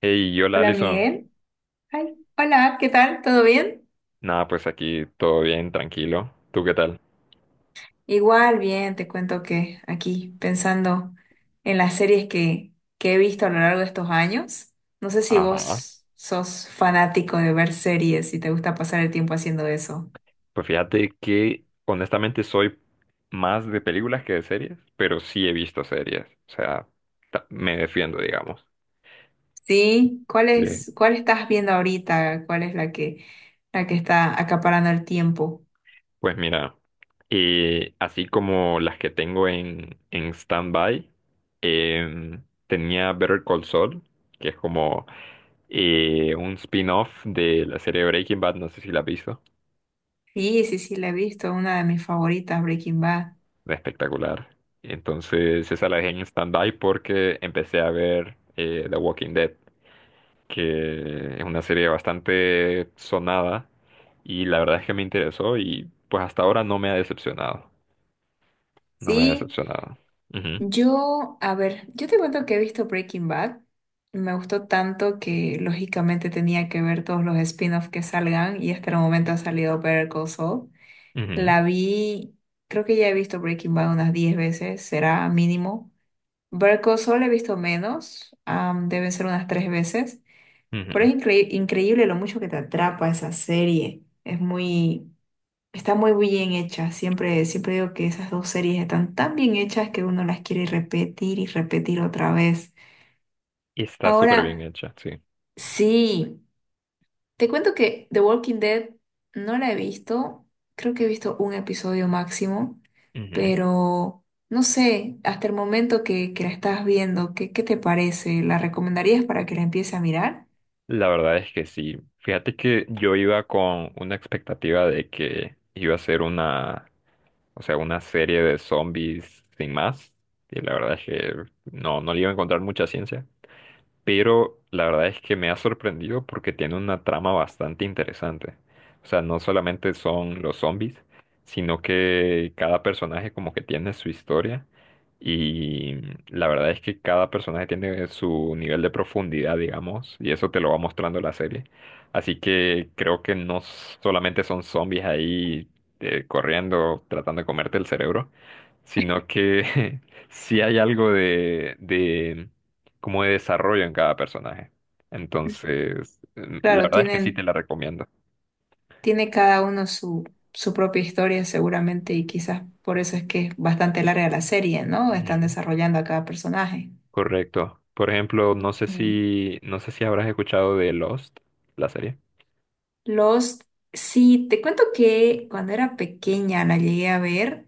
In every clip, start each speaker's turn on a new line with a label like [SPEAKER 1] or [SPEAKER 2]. [SPEAKER 1] Hey, hola
[SPEAKER 2] Hola
[SPEAKER 1] Alison.
[SPEAKER 2] Miguel. Ay, hola, ¿qué tal? ¿Todo bien?
[SPEAKER 1] Nada, pues aquí todo bien, tranquilo. ¿Tú qué tal?
[SPEAKER 2] Igual, bien, te cuento que aquí pensando en las series que he visto a lo largo de estos años. No sé si
[SPEAKER 1] Ajá.
[SPEAKER 2] vos sos fanático de ver series y te gusta pasar el tiempo haciendo eso.
[SPEAKER 1] Pues fíjate que honestamente soy más de películas que de series, pero sí he visto series. O sea, me defiendo, digamos.
[SPEAKER 2] ¿Sí? ¿Cuál
[SPEAKER 1] Bien.
[SPEAKER 2] es, cuál estás viendo ahorita? ¿Cuál es la que está acaparando el tiempo?
[SPEAKER 1] Pues mira, así como las que tengo en stand-by, em, tenía Better Call Saul, que es como un spin-off de la serie Breaking Bad, no sé si la has visto.
[SPEAKER 2] Sí, sí, sí, la he visto, una de mis favoritas, Breaking Bad.
[SPEAKER 1] Espectacular. Entonces esa la dejé en stand-by porque empecé a ver The Walking Dead, que es una serie bastante sonada y la verdad es que me interesó y pues hasta ahora no me ha decepcionado. No me ha
[SPEAKER 2] Sí.
[SPEAKER 1] decepcionado. Ujú,
[SPEAKER 2] Yo, a ver, yo te cuento que he visto Breaking Bad. Me gustó tanto que lógicamente tenía que ver todos los spin-offs que salgan y hasta el momento ha salido Better Call Saul.
[SPEAKER 1] ujú,
[SPEAKER 2] La vi, creo que ya he visto Breaking Bad unas 10 veces, será mínimo. Better Call Saul he visto menos, deben ser unas 3 veces. Pero
[SPEAKER 1] ujú.
[SPEAKER 2] es increíble lo mucho que te atrapa esa serie. Está muy bien hecha. Siempre digo que esas dos series están tan bien hechas que uno las quiere repetir y repetir otra vez.
[SPEAKER 1] Y está súper bien
[SPEAKER 2] Ahora,
[SPEAKER 1] hecha, sí.
[SPEAKER 2] sí, te cuento que The Walking Dead no la he visto. Creo que he visto un episodio máximo,
[SPEAKER 1] Ujú.
[SPEAKER 2] pero no sé, hasta el momento que la estás viendo, ¿qué te parece? ¿La recomendarías para que la empiece a mirar?
[SPEAKER 1] La verdad es que sí. Fíjate que yo iba con una expectativa de que iba a ser una. O sea, una serie de zombies sin más. Y la verdad es que no le iba a encontrar mucha ciencia, pero la verdad es que me ha sorprendido porque tiene una trama bastante interesante. O sea, no solamente son los zombies, sino que cada personaje como que tiene su historia y la verdad es que cada personaje tiene su nivel de profundidad, digamos, y eso te lo va mostrando la serie. Así que creo que no solamente son zombies ahí corriendo, tratando de comerte el cerebro, sino que sí hay algo de cómo desarrollan cada personaje. Entonces, la
[SPEAKER 2] Claro,
[SPEAKER 1] verdad es que sí te
[SPEAKER 2] tienen
[SPEAKER 1] la recomiendo.
[SPEAKER 2] Tiene cada uno su propia historia seguramente y quizás por eso es que es bastante larga la serie, ¿no? Están
[SPEAKER 1] Ujú.
[SPEAKER 2] desarrollando a cada personaje.
[SPEAKER 1] Correcto. Por ejemplo,
[SPEAKER 2] Ujú.
[SPEAKER 1] no sé si habrás escuchado de Lost, la serie.
[SPEAKER 2] Los, sí, te cuento que cuando era pequeña la llegué a ver,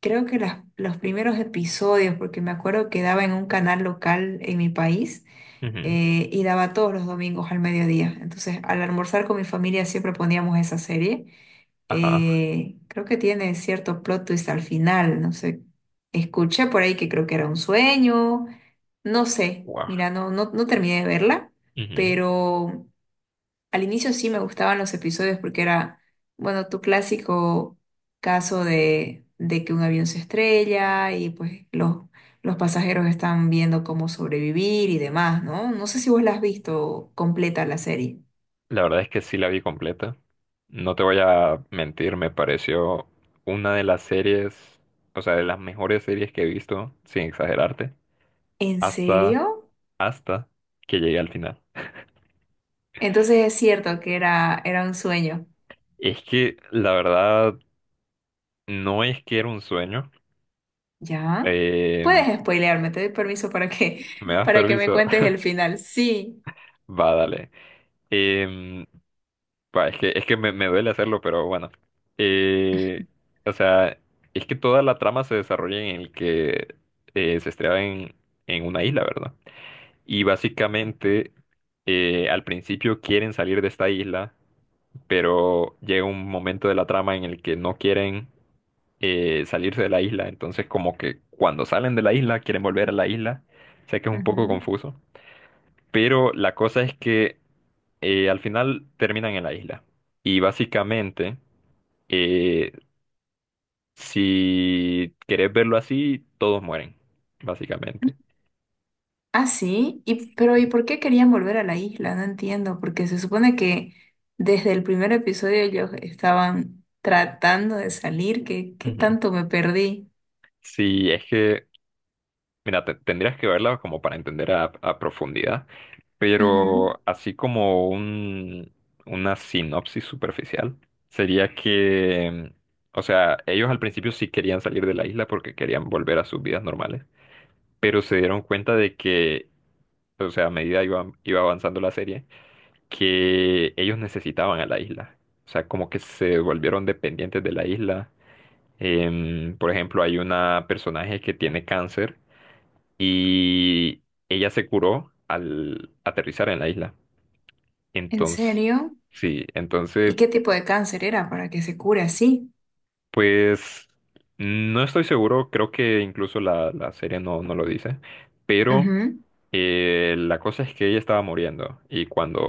[SPEAKER 2] creo que los primeros episodios, porque me acuerdo que daba en un canal local en mi país
[SPEAKER 1] Ujú.
[SPEAKER 2] eh, y daba todos los domingos al mediodía. Entonces, al almorzar con mi familia siempre poníamos esa serie.
[SPEAKER 1] Ajá.
[SPEAKER 2] Creo que tiene cierto plot twist al final, no sé. Escuché por ahí que creo que era un sueño, no sé.
[SPEAKER 1] Wow.
[SPEAKER 2] Mira, no, no, no terminé de verla,
[SPEAKER 1] Ujú.
[SPEAKER 2] pero al inicio sí me gustaban los episodios porque era, bueno, tu clásico caso de que un avión se estrella y pues los pasajeros están viendo cómo sobrevivir y demás, ¿no? No sé si vos la has visto completa la serie.
[SPEAKER 1] La verdad es que sí la vi completa. No te voy a mentir, me pareció una de las series, o sea, de las mejores series que he visto, sin exagerarte,
[SPEAKER 2] ¿En
[SPEAKER 1] hasta,
[SPEAKER 2] serio?
[SPEAKER 1] hasta que llegué al final.
[SPEAKER 2] Entonces es cierto que era un sueño.
[SPEAKER 1] Es que la verdad no es que era un sueño.
[SPEAKER 2] ¿Ya?
[SPEAKER 1] Eh,
[SPEAKER 2] Puedes spoilearme, te doy permiso para que,
[SPEAKER 1] ¿Me das
[SPEAKER 2] para que me
[SPEAKER 1] permiso?
[SPEAKER 2] cuentes el final. Sí.
[SPEAKER 1] Va, dale. Em, es que me duele hacerlo, pero bueno. Eh, o sea, es que toda la trama se desarrolla en el que se estrella en una isla, ¿verdad? Y básicamente al principio quieren salir de esta isla, pero llega un momento de la trama en el que no quieren salirse de la isla, entonces como que cuando salen de la isla quieren volver a la isla. Sé que es un poco
[SPEAKER 2] Ujú.
[SPEAKER 1] confuso. Pero la cosa es que al final terminan en la isla. Y básicamente, eh, si querés verlo así, todos mueren, básicamente.
[SPEAKER 2] Ah, sí. Y, pero ¿y por qué querían volver a la isla? No entiendo, porque se supone que desde el primer episodio ellos estaban tratando de salir. ¿Qué
[SPEAKER 1] Ujú.
[SPEAKER 2] tanto me perdí?
[SPEAKER 1] Sí, es que, mira, tendrías que verla como para entender a profundidad,
[SPEAKER 2] Ujú.
[SPEAKER 1] pero así como un, una sinopsis superficial, sería que, o sea, ellos al principio sí querían salir de la isla porque querían volver a sus vidas normales, pero se dieron cuenta de que, o sea, a medida iba avanzando la serie, que ellos necesitaban a la isla. O sea, como que se volvieron dependientes de la isla. Por ejemplo, hay una personaje que tiene cáncer y ella se curó al aterrizar en la isla.
[SPEAKER 2] ¿En
[SPEAKER 1] Entonces,
[SPEAKER 2] serio?
[SPEAKER 1] sí,
[SPEAKER 2] ¿Y
[SPEAKER 1] entonces
[SPEAKER 2] qué tipo de cáncer era para que se cure así?
[SPEAKER 1] pues no estoy seguro, creo que incluso la serie no lo dice, pero
[SPEAKER 2] Ujú.
[SPEAKER 1] la cosa es que ella estaba muriendo y cuando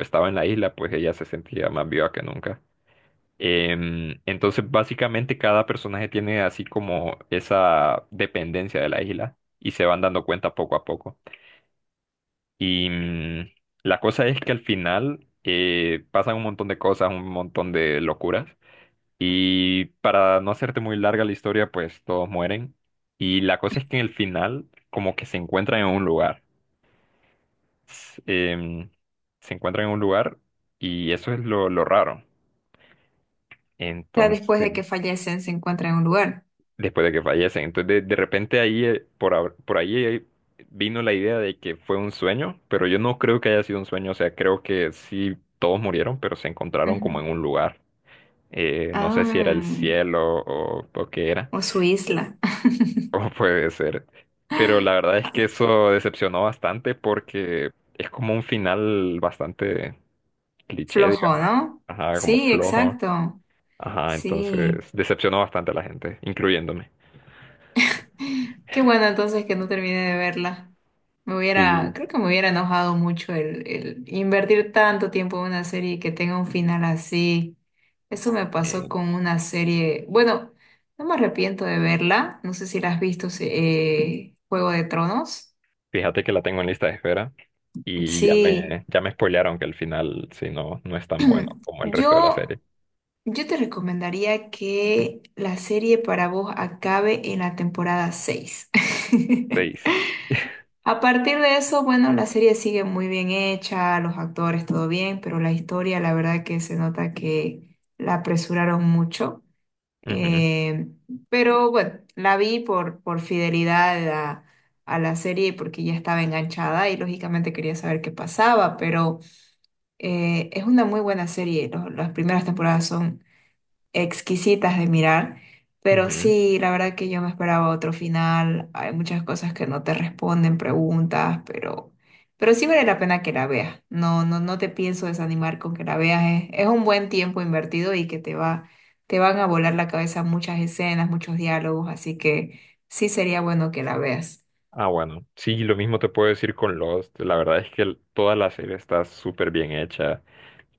[SPEAKER 1] estaba en la isla, pues ella se sentía más viva que nunca. Entonces, básicamente cada personaje tiene así como esa dependencia de la isla y se van dando cuenta poco a poco. Y la cosa es que al final pasan un montón de cosas, un montón de locuras. Y para no hacerte muy larga la historia, pues todos mueren. Y la cosa es que en el final, como que se encuentran en un lugar. S- em, se encuentran en un lugar y eso es lo raro.
[SPEAKER 2] O sea, después de que
[SPEAKER 1] Entonces,
[SPEAKER 2] fallecen, se encuentran en un lugar.
[SPEAKER 1] después de que fallecen. Entonces, de repente ahí, por ahí vino la idea de que fue un sueño, pero yo no creo que haya sido un sueño. O sea, creo que sí, todos murieron, pero se encontraron como
[SPEAKER 2] Ujú.
[SPEAKER 1] en un lugar. No sé si era el
[SPEAKER 2] Ah,
[SPEAKER 1] cielo o qué era.
[SPEAKER 2] o su isla.
[SPEAKER 1] O puede ser. Pero la verdad es que eso decepcionó bastante porque es como un final bastante cliché,
[SPEAKER 2] Flojo,
[SPEAKER 1] digamos.
[SPEAKER 2] ¿no?
[SPEAKER 1] Ajá, como
[SPEAKER 2] Sí,
[SPEAKER 1] flojo.
[SPEAKER 2] exacto.
[SPEAKER 1] Ajá,
[SPEAKER 2] Sí.
[SPEAKER 1] entonces decepcionó bastante a la gente, incluyéndome.
[SPEAKER 2] Qué bueno entonces que no terminé de verla. Me hubiera,
[SPEAKER 1] Sí,
[SPEAKER 2] creo que me hubiera enojado mucho el invertir tanto tiempo en una serie y que tenga un final así. Eso me pasó
[SPEAKER 1] sí.
[SPEAKER 2] con una serie. Bueno, no me arrepiento de verla. No sé si la has visto, Juego de Tronos.
[SPEAKER 1] Fíjate que la tengo en lista de espera y ya
[SPEAKER 2] Sí.
[SPEAKER 1] ya me spoilearon que el final, si no, no es tan bueno como el resto de la
[SPEAKER 2] Yo
[SPEAKER 1] serie.
[SPEAKER 2] Yo te recomendaría que la serie para vos acabe en la temporada 6.
[SPEAKER 1] Seis.
[SPEAKER 2] A partir de eso, bueno, la serie sigue muy bien hecha, los actores todo bien, pero la historia, la verdad que se nota que la apresuraron mucho.
[SPEAKER 1] Ujú,
[SPEAKER 2] Eh, pero bueno, la vi por fidelidad a la serie y porque ya estaba enganchada y lógicamente quería saber qué pasaba, pero es una muy buena serie. Las primeras temporadas son exquisitas de mirar, pero
[SPEAKER 1] ujú.
[SPEAKER 2] sí, la verdad que yo me esperaba otro final, hay muchas cosas que no te responden, preguntas, pero, sí vale la pena que la veas, no, no, no te pienso desanimar con que la veas, es un buen tiempo invertido y que te van a volar la cabeza muchas escenas, muchos diálogos, así que sí sería bueno que la veas.
[SPEAKER 1] Ah, bueno. Sí, lo mismo te puedo decir con Lost. La verdad es que toda la serie está súper bien hecha.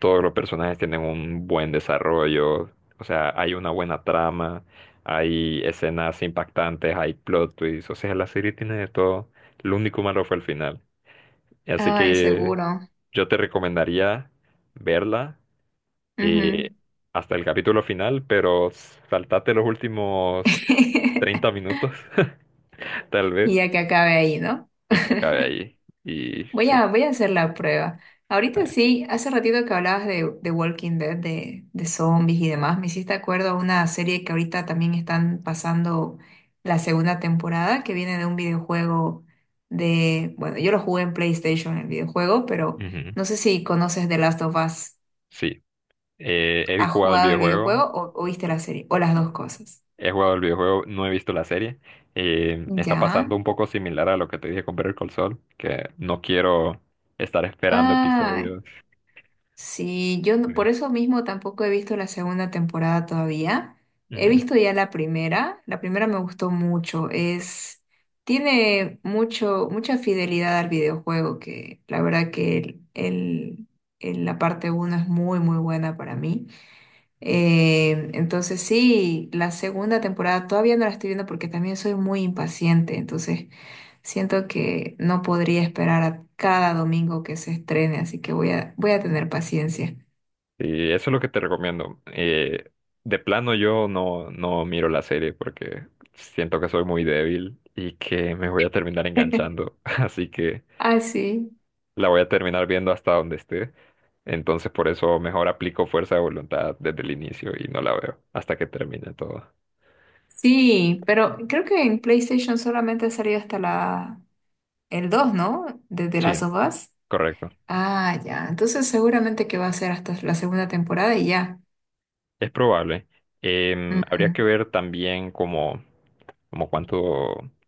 [SPEAKER 1] Todos los personajes tienen un buen desarrollo, o sea, hay una buena trama, hay escenas impactantes, hay plot twists, o sea, la serie tiene de todo. Lo único malo fue el final. Así
[SPEAKER 2] Ay,
[SPEAKER 1] que
[SPEAKER 2] seguro.
[SPEAKER 1] yo te recomendaría verla
[SPEAKER 2] Ujú.
[SPEAKER 1] eh, hasta el capítulo final, pero saltate los últimos 30 minutos, tal
[SPEAKER 2] Y
[SPEAKER 1] vez,
[SPEAKER 2] ya que acabe ahí, ¿no?
[SPEAKER 1] y que acabe ahí. Y
[SPEAKER 2] Voy
[SPEAKER 1] sí.
[SPEAKER 2] a, voy a hacer la prueba. Ahorita
[SPEAKER 1] eh,
[SPEAKER 2] sí, hace ratito que hablabas de Walking Dead, de zombies y demás, me hiciste acuerdo a una serie que ahorita también están pasando la segunda temporada, que viene de un videojuego de, bueno, yo lo jugué en PlayStation, el videojuego, pero
[SPEAKER 1] ujú,
[SPEAKER 2] no sé si conoces The Last of Us.
[SPEAKER 1] Sí. He
[SPEAKER 2] ¿Has
[SPEAKER 1] jugado el
[SPEAKER 2] jugado el videojuego
[SPEAKER 1] videojuego.
[SPEAKER 2] o viste la serie? O las dos cosas.
[SPEAKER 1] He jugado el videojuego, no he visto la serie. Está pasando
[SPEAKER 2] Ya.
[SPEAKER 1] un poco similar a lo que te dije con Better Call Saul, que no quiero estar esperando
[SPEAKER 2] Ah.
[SPEAKER 1] episodios.
[SPEAKER 2] Sí, yo no- por
[SPEAKER 1] Sí.
[SPEAKER 2] eso mismo tampoco he visto la segunda temporada todavía. He
[SPEAKER 1] Ujú.
[SPEAKER 2] visto ya la primera. La primera me gustó mucho. Tiene mucha fidelidad al videojuego, que la verdad que la parte uno es muy, muy buena para mí. Entonces sí, la segunda temporada todavía no la estoy viendo porque también soy muy impaciente, entonces siento que no podría esperar a cada domingo que se estrene, así que voy a tener paciencia.
[SPEAKER 1] Y eso es lo que te recomiendo. De plano yo no miro la serie porque siento que soy muy débil y que me voy a terminar enganchando. Así que
[SPEAKER 2] Ah, sí.
[SPEAKER 1] la voy a terminar viendo hasta donde esté. Entonces por eso mejor aplico fuerza de voluntad desde el inicio y no la veo hasta que termine todo.
[SPEAKER 2] Sí, pero creo que en PlayStation solamente ha salido hasta la el 2, ¿no? De The Last
[SPEAKER 1] Sí,
[SPEAKER 2] of Us.
[SPEAKER 1] correcto.
[SPEAKER 2] Ah, ya. Entonces seguramente que va a ser hasta la segunda temporada y ya.
[SPEAKER 1] Es probable.
[SPEAKER 2] Ujú,
[SPEAKER 1] Habría que ver también como, como cuánto,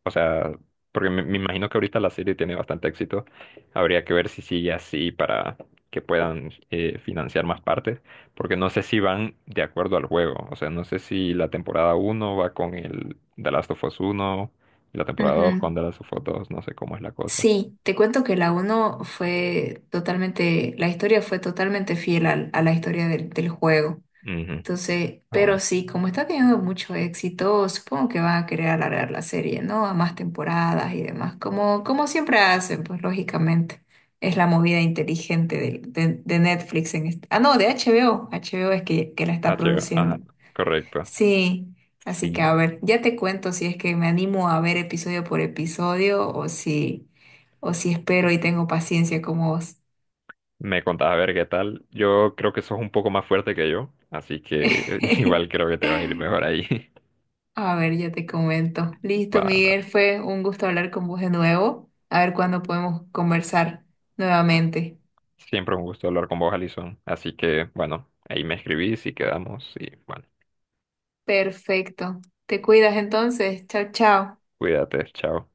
[SPEAKER 1] o sea, porque me imagino que ahorita la serie tiene bastante éxito. Habría que ver si sigue así para que puedan financiar más partes, porque no sé si van de acuerdo al juego. O sea, no sé si la temporada uno va con el The Last of Us 1 y la temporada 2
[SPEAKER 2] ujú.
[SPEAKER 1] con The Last of Us 2. No sé cómo es la cosa.
[SPEAKER 2] Sí, te cuento que la uno fue totalmente, la historia fue totalmente fiel a la historia del juego.
[SPEAKER 1] Ujú.
[SPEAKER 2] Entonces,
[SPEAKER 1] Ah,
[SPEAKER 2] pero
[SPEAKER 1] bueno.
[SPEAKER 2] sí, como está teniendo mucho éxito, supongo que van a querer alargar la serie, ¿no? A más temporadas y demás, como siempre hacen, pues lógicamente. Es la movida inteligente de Netflix en este... Ah, no, de HBO. HBO es que la
[SPEAKER 1] Ah,
[SPEAKER 2] está
[SPEAKER 1] chévere.
[SPEAKER 2] produciendo.
[SPEAKER 1] Ajá, correcto.
[SPEAKER 2] Sí, así que a
[SPEAKER 1] Sí.
[SPEAKER 2] ver, ya te cuento si es que me animo a ver episodio por episodio o si espero y tengo paciencia como vos.
[SPEAKER 1] Me contás a ver qué tal. Yo creo que sos un poco más fuerte que yo, así que igual creo que te va a ir mejor ahí.
[SPEAKER 2] A ver, ya te comento.
[SPEAKER 1] Va,
[SPEAKER 2] Listo, Miguel,
[SPEAKER 1] dale.
[SPEAKER 2] fue un gusto hablar con vos de nuevo. A ver cuándo podemos conversar nuevamente.
[SPEAKER 1] Siempre un gusto hablar con vos, Alison. Así que, bueno, ahí me escribís y quedamos y bueno,
[SPEAKER 2] Perfecto. Te cuidas entonces. Chao, chao.
[SPEAKER 1] cuídate, chao.